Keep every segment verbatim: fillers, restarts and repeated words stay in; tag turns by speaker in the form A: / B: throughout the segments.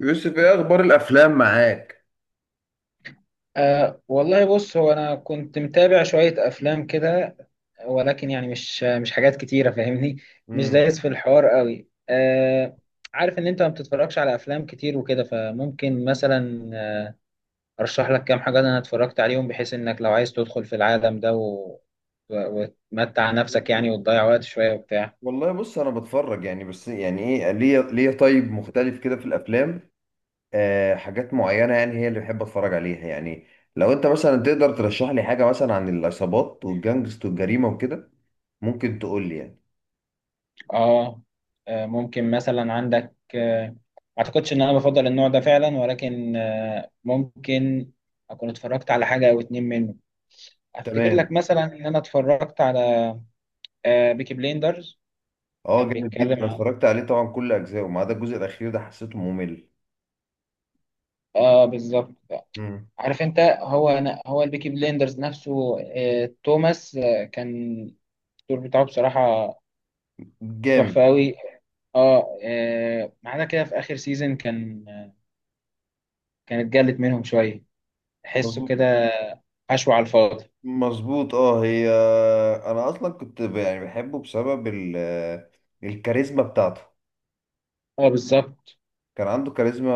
A: يوسف، ايه اخبار الافلام معاك؟
B: أه والله بص هو أنا كنت متابع شوية أفلام كده. ولكن يعني مش مش حاجات كتيرة فاهمني. مش
A: امم.
B: دايس في الحوار قوي أه. عارف إن أنت ما بتتفرجش على أفلام كتير وكده فممكن مثلا آه، أرشح لك كام حاجة أنا اتفرجت عليهم بحيث إنك لو عايز تدخل في العالم ده و... و- وتمتع نفسك يعني وتضيع وقت شوية وبتاع.
A: والله، بص انا بتفرج يعني بس يعني ايه، ليه ليه طيب مختلف كده في الافلام؟ آه، حاجات معينه يعني هي اللي بحب اتفرج عليها يعني. لو انت مثلا تقدر ترشح لي حاجه مثلا عن العصابات والجانجست والجريمه وكده، ممكن تقول لي يعني.
B: اه آه، ممكن مثلا عندك آه، ما اعتقدش ان انا بفضل النوع ده فعلا، ولكن آه، ممكن اكون اتفرجت على حاجه او اتنين منه. افتكر لك
A: تمام.
B: مثلا ان انا اتفرجت على آه، بيكي بليندرز.
A: اه،
B: كان
A: جامد جدا.
B: بيتكلم
A: أنا
B: عن،
A: اتفرجت عليه طبعا كل اجزائه ما عدا الجزء الاخير ده حسيته ممل.
B: اه بالظبط،
A: امم.
B: عارف انت هو، أنا هو البيكي بليندرز نفسه آه، توماس، آه، كان الدور بتاعه بصراحه
A: جامد.
B: تحفه قوي. اه آه، ما عدا كده في اخر سيزون كان آه، كانت جلت منهم شويه، تحسه
A: مظبوط.
B: كده حشو على الفاضي.
A: مظبوط، اه. هي انا اصلا كنت ب- يعني بحبه بسبب ال... الكاريزما بتاعته.
B: اه بالظبط.
A: كان عنده كاريزما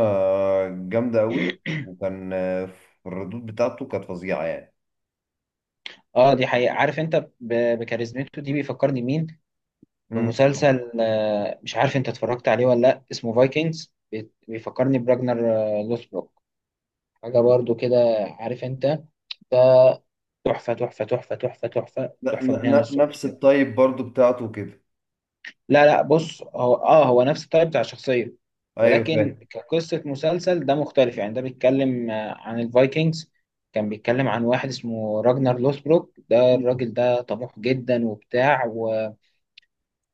A: جامده قوي، وكان في الردود بتاعته كانت فظيعه يعني.
B: اه دي حقيقة. عارف انت ب- بكاريزمته دي بيفكرني مين؟
A: مم.
B: بمسلسل آه، مش عارف انت اتفرجت عليه ولا لا، اسمه فايكنجز. بيفكرني براجنر آه، لوسبروك. حاجة برضو كده عارف انت، تحفة تحفة تحفة تحفة تحفة
A: ن...
B: تحفة من
A: ن...
B: هنا
A: ن-
B: للصبح
A: نفس
B: كده.
A: الطيب برضو بتاعته كده.
B: لا لا، بص، هو اه هو نفس الطيب بتاع الشخصية،
A: ايوه،
B: ولكن
A: فاهم.
B: كقصة مسلسل ده مختلف يعني. ده بيتكلم آه، عن الفايكنجز. كان بيتكلم عن واحد اسمه راجنر لوسبروك. ده
A: مم.
B: الراجل ده طموح جدا وبتاع،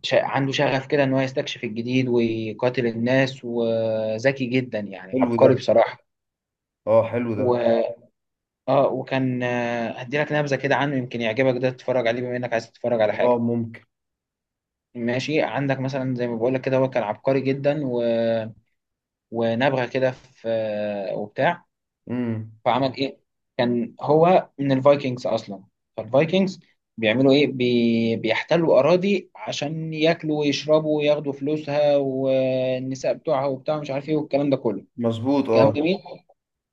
B: ش- عنده شغف كده ان هو يستكشف الجديد ويقاتل الناس، وذكي جدا يعني
A: حلو ده.
B: عبقري بصراحة.
A: اه، حلو
B: و...
A: ده.
B: اه وكان آه، هدي لك نبذة كده عنه يمكن يعجبك ده تتفرج عليه بما انك عايز تتفرج على
A: اه،
B: حاجة
A: ممكن.
B: ماشي عندك. مثلا زي ما بقول لك كده، هو كان عبقري جدا و... ونبغى كده في آه، وبتاع.
A: امم.
B: فعمل ايه؟ كان هو من الفايكنجز اصلا. فالفايكنجز بيعملوا ايه؟ بي... بيحتلوا اراضي عشان ياكلوا ويشربوا وياخدوا فلوسها والنساء بتوعها وبتاع مش عارف ايه والكلام ده كله،
A: مظبوط، اه.
B: كلام جميل.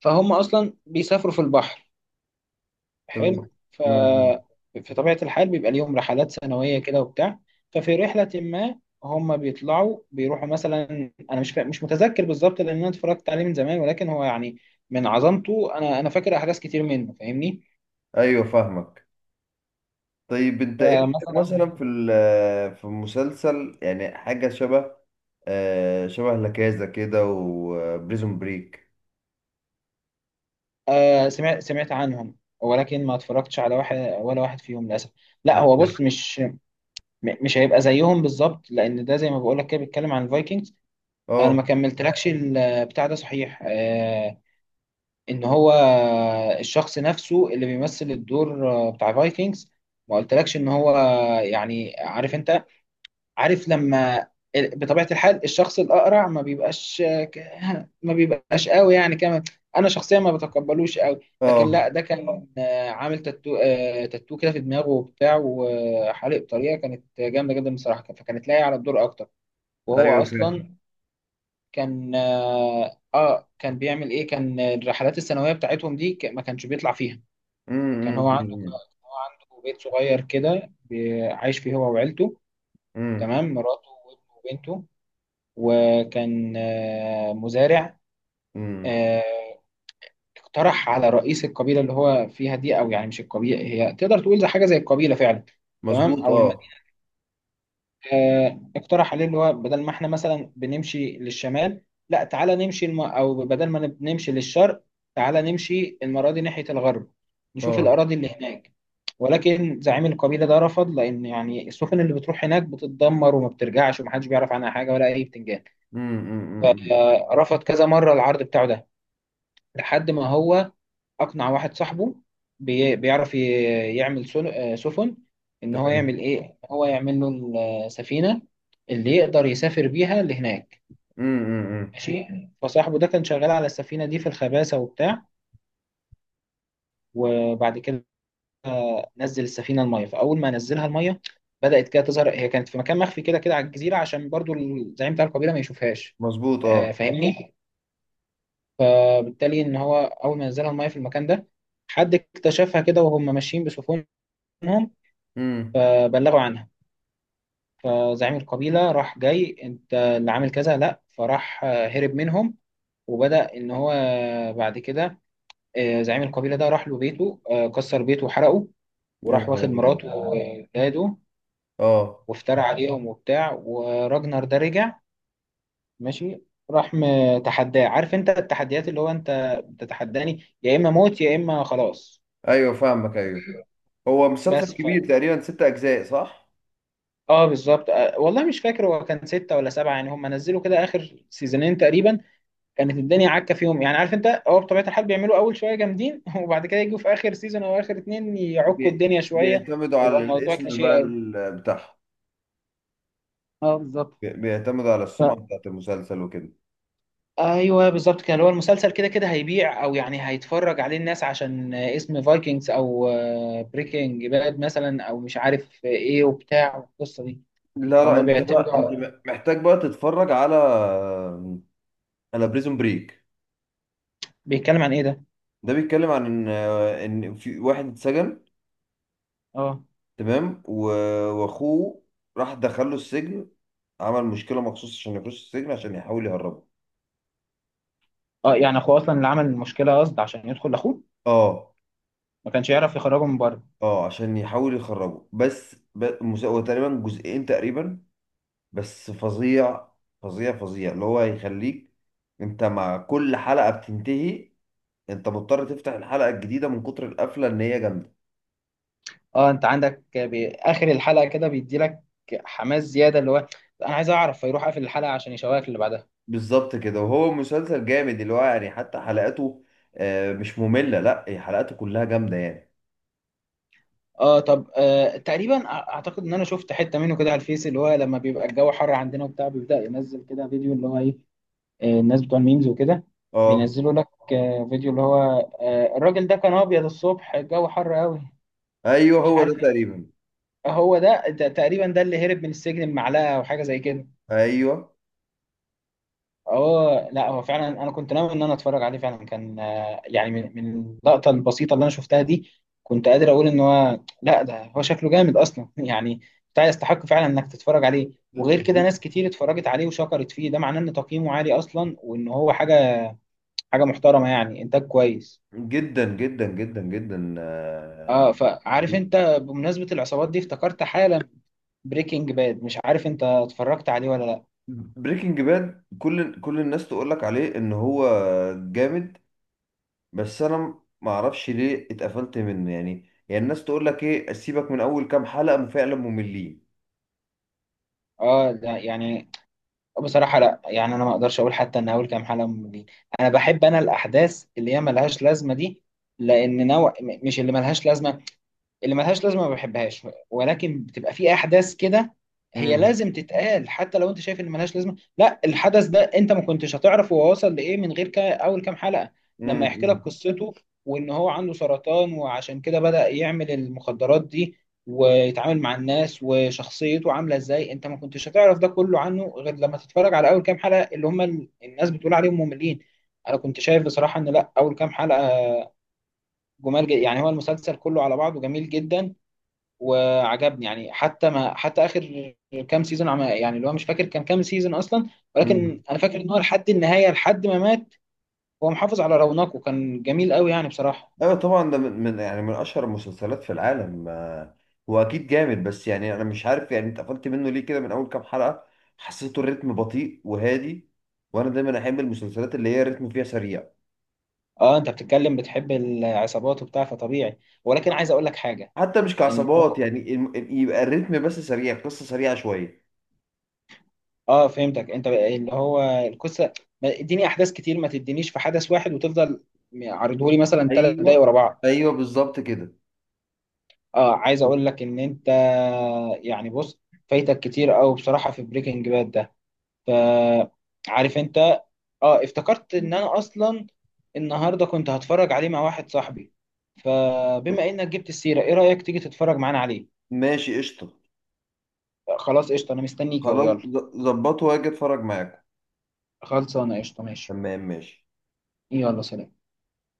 B: فهم اصلا بيسافروا في البحر،
A: تمام.
B: حلو. ف
A: امم.
B: في طبيعة الحال بيبقى ليهم رحلات سنوية كده وبتاع. ففي رحلة ما هم بيطلعوا بيروحوا مثلا، انا مش فا... مش متذكر بالظبط لان انا اتفرجت عليه من زمان، ولكن هو يعني من عظمته انا انا فاكر احداث كتير منه فاهمني.
A: ايوه، فاهمك. طيب، انت ايه رأيك
B: فمثلا
A: مثلا في ال- في مسلسل يعني حاجة شبه آه، شبه لكازا كده وبريزون بريك.
B: آه، سمعت سمعت عنهم، ولكن ما اتفرجتش على واحد ولا واحد فيهم للاسف. لا هو بص، مش م- مش هيبقى زيهم بالظبط، لان ده زي ما بقول لك كده بيتكلم عن الفايكنجز. انا
A: اه.
B: ما كملتلكش البتاع ده صحيح، آه، ان هو الشخص نفسه اللي بيمثل الدور آه، بتاع فايكنجز. ما قلتلكش ان هو يعني عارف انت، عارف لما ال- بطبيعة الحال الشخص الأقرع ما بيبقاش ك- ما بيبقاش قوي يعني كمان، أنا شخصيا ما بتقبلوش قوي. لكن
A: اه.
B: لا ده كان آه، عامل تاتو، آه، تاتو كده في دماغه وبتاع، وحالق بطريقة كانت جامدة جدا بصراحة، فكانت لايقة على الدور أكتر. وهو
A: ايوه، فاهم.
B: أصلا كان آه آه، كان بيعمل إيه، كان الرحلات السنوية بتاعتهم دي ك- ما كانش بيطلع فيها. كان
A: أمم،
B: هو عنده
A: أمم،
B: هو عنده بيت صغير كده بي- عايش فيه هو وعيلته،
A: أمم،
B: تمام، مراته وابنه وبنته. وكان آه، مزارع.
A: أمم.
B: آه، اقترح على رئيس القبيلة اللي هو فيها دي، أو يعني مش القبيلة، هي تقدر تقول زي حاجة زي القبيلة فعلا، تمام،
A: مظبوط،
B: أو
A: اه.
B: المدينة. آه، اقترح عليه اللي هو بدل ما احنا مثلا بنمشي للشمال، لا تعالى نمشي الم... أو بدل ما نمشي للشرق، تعالى نمشي المرة دي ناحية الغرب، نشوف
A: اه.
B: الأراضي اللي هناك. ولكن زعيم القبيلة ده رفض، لأن يعني السفن اللي بتروح هناك بتتدمر وما بترجعش ومحدش بيعرف عنها حاجة ولا أي بتنجان.
A: أمم، أمم، أمم. إمم.
B: آه، رفض كذا مرة العرض بتاعه ده، لحد ما هو اقنع واحد صاحبه بي- بيعرف ي- يعمل سل- آه، سفن، ان هو
A: تمام.
B: يعمل ايه، إن هو يعمل له السفينه اللي يقدر يسافر بيها لهناك
A: أمم، أمم، أمم.
B: ماشي. فصاحبه ده كان شغال على السفينه دي في الخباسه وبتاع. وبعد كده نزل السفينه الميه. فاول ما نزلها الميه بدات كده تظهر. هي كانت في مكان مخفي كده كده على الجزيره عشان برضو الزعيم بتاع القبيله ما يشوفهاش
A: مظبوط،
B: آه،
A: اه.
B: فاهمني. فبالتالي ان هو اول ما نزلها الميه في المكان ده، حد اكتشفها كده وهم ماشيين بسفن منهم،
A: أمم.
B: فبلغوا عنها. فزعيم القبيلة راح جاي، انت اللي عامل كذا، لا، فراح آه، هرب منهم. وبدأ ان هو آه، بعد كده، آه، زعيم القبيلة ده راح له بيته آه، كسر بيته وحرقه،
A: يا
B: وراح
A: نهار
B: واخد
A: ابيض!
B: مراته وولاده
A: اه.
B: وافترى عليهم وبتاع. وراجنر ده رجع ماشي، راح متحداه، عارف انت التحديات اللي هو انت بتتحداني يا اما موت يا اما خلاص.
A: ايوه، فاهمك، ايوه. هو مسلسل
B: بس ف...
A: كبير تقريبا، ست اجزاء، صح؟
B: اه بالظبط. آه، والله مش فاكر هو كان ستة ولا سبعة، يعني هم نزلوا كده اخر سيزونين تقريبا كانت الدنيا عكه فيهم. يعني عارف انت، هو بطبيعه الحال بيعملوا اول شويه جامدين وبعد كده يجوا في اخر سيزون او اخر اتنين يعكوا
A: بي-
B: الدنيا شويه،
A: بيعتمدوا
B: يبقى
A: على
B: الموضوع
A: الاسم
B: كليشيه
A: بقى
B: قوي.
A: ال- بتاعهم.
B: اه بالظبط.
A: بي- بيعتمد على السمعة
B: ف...
A: بتاعت المسلسل وكده.
B: ايوه بالظبط كده، اللي هو المسلسل كده كده هيبيع، او يعني هيتفرج عليه الناس عشان اسم فايكنجز، او بريكنج باد مثلا، او مش عارف ايه وبتاع والقصه دي.
A: لا، لا،
B: فهم
A: انت بقى
B: بيعتمدوا
A: انت
B: على-
A: م- محتاج بقى تتفرج على، على بريزون بريك.
B: بيتكلم عن ايه ده؟
A: ده بيتكلم عن ان ان في واحد اتسجن.
B: اه،
A: تمام، و- واخوه راح دخله السجن. عمل مشكلة مخصوص عشان يخش السجن عشان يحاول يهربه.
B: اه، يعني اخوه اصلا اللي عمل المشكله قصد عشان يدخل لاخوه،
A: اه.
B: ما كانش يعرف يخرجه من بره.
A: اه، عشان يحاول يخرجه بس ب... المس- هو تقريبا جزئين تقريبا. بس فظيع. فظيع فظيع اللي هو هيخليك، انت مع كل حلقة بتنتهي انت مضطر تفتح الحلقة الجديدة من كتر القفلة ان هي جامدة.
B: اه انت عندك بي- اخر الحلقه كده بيدي لك حماس زياده، اللي هو انا عايز اعرف، فيروح قافل الحلقه عشان يشوقك اللي بعدها.
A: بالظبط كده، وهو مسلسل جامد اللي هو يعني حتى حلقاته آه، مش مملة، لا هي حلقاته كلها جامدة يعني.
B: اه طب، آه تقريبا أع- اعتقد ان انا شفت حته منه كده على الفيس، اللي هو لما بيبقى الجو حر عندنا وبتاع بيبدا ينزل كده فيديو اللي هو ايه، آه، الناس بتوع الميمز وكده
A: اه.
B: بينزلوا لك آه فيديو اللي هو آه الراجل ده كان ابيض الصبح الجو حر قوي
A: ايوه،
B: مش
A: هو ده
B: عارف ايه.
A: تقريبا.
B: هو ده ده تقريبا ده اللي هرب من السجن بمعلقه او حاجه زي كده.
A: ايوه.
B: اه لا هو فعلا انا كنت ناوي ان انا اتفرج عليه فعلا، كان آه، يعني من من اللقطه البسيطه اللي انا شفتها دي كنت قادر اقول ان هو لا ده هو شكله جامد اصلا يعني، بتاع يستحق فعلا انك تتفرج عليه. وغير كده ناس كتير اتفرجت عليه وشكرت فيه، ده معناه ان تقييمه عالي اصلا وان هو حاجه حاجه محترمه يعني، انتاج كويس.
A: جدا جدا جدا جدا.
B: اه فعارف انت، بمناسبه العصابات دي افتكرت حالا بريكنج باد، مش عارف انت اتفرجت عليه ولا لا.
A: بريكنج باد، كل كل الناس تقول لك عليه ان هو جامد. بس انا ما اعرفش ليه اتقفلت منه يعني يعني الناس تقول لك ايه، سيبك من اول كام حلقة فعلا مملين.
B: اه ده يعني بصراحة لا، يعني أنا ما أقدرش أقول حتى إن أول كام حلقة مملين. أنا بحب، أنا الأحداث اللي هي ملهاش لازمة دي، لأن نوع م- مش اللي ملهاش لازمة، اللي ملهاش لازمه ما بحبهاش، ولكن بتبقى في احداث كده هي لازم تتقال، حتى لو انت شايف ان ملهاش لازمه. لا الحدث ده انت ما كنتش هتعرف هو وصل لايه من غير كا اول كام حلقه، لما يحكي لك
A: مم.
B: قصته، وان هو عنده سرطان وعشان كده بدأ يعمل المخدرات دي ويتعامل مع الناس وشخصيته عامله ازاي. انت ما كنتش هتعرف ده كله عنه غير لما تتفرج على اول كام حلقه اللي هم ال- الناس بتقول عليهم مملين. انا كنت شايف بصراحه ان لا، اول كام حلقه جمال جدا. يعني هو المسلسل كله على بعضه جميل جدا وعجبني يعني، حتى ما حتى اخر كام سيزون، عم يعني اللي هو مش فاكر كان كام سيزون اصلا، ولكن
A: مم.
B: انا فاكر ان هو لحد النهايه لحد ما مات هو محافظ على رونقه، كان جميل قوي يعني بصراحه.
A: ايوه طبعا، ده من من- يعني من اشهر المسلسلات في العالم. آه، هو اكيد جامد، بس يعني انا مش عارف، يعني انت قفلت منه ليه كده من اول كام حلقة؟ حسيته الريتم بطيء وهادي، وانا دايما احب المسلسلات اللي هي الريتم فيها سريع.
B: اه انت بتتكلم بتحب العصابات وبتاع، فطبيعي. ولكن عايز اقول لك حاجه،
A: حتى مش
B: ان
A: كعصابات
B: هو
A: يعني، الم- يبقى الريتم بس سريع، قصة سريعة شوية.
B: اه فهمتك انت بقى اللي هو القصه، ما- اديني احداث كتير، ما تدينيش في حدث واحد وتفضل عرضهولي مثلا ثلاث دقايق
A: ايوه.
B: ورا بعض.
A: ايوه، بالظبط كده.
B: اه عايز اقول لك ان انت يعني بص، فايتك كتير قوي بصراحه في بريكنج باد. فعارف انت، اه افتكرت ان انا اصلا النهارده كنت هتفرج عليه مع واحد صاحبي، فبما انك جبت السيره ايه رايك تيجي تتفرج معانا عليه؟
A: ماشي، قشطة.
B: خلاص قشطه، انا مستنيك اهو،
A: خلاص.
B: يلا.
A: ظبطه واجي اتفرج معاكم.
B: خلصانه قشطه ماشي.
A: تمام، ماشي.
B: يلا سلام.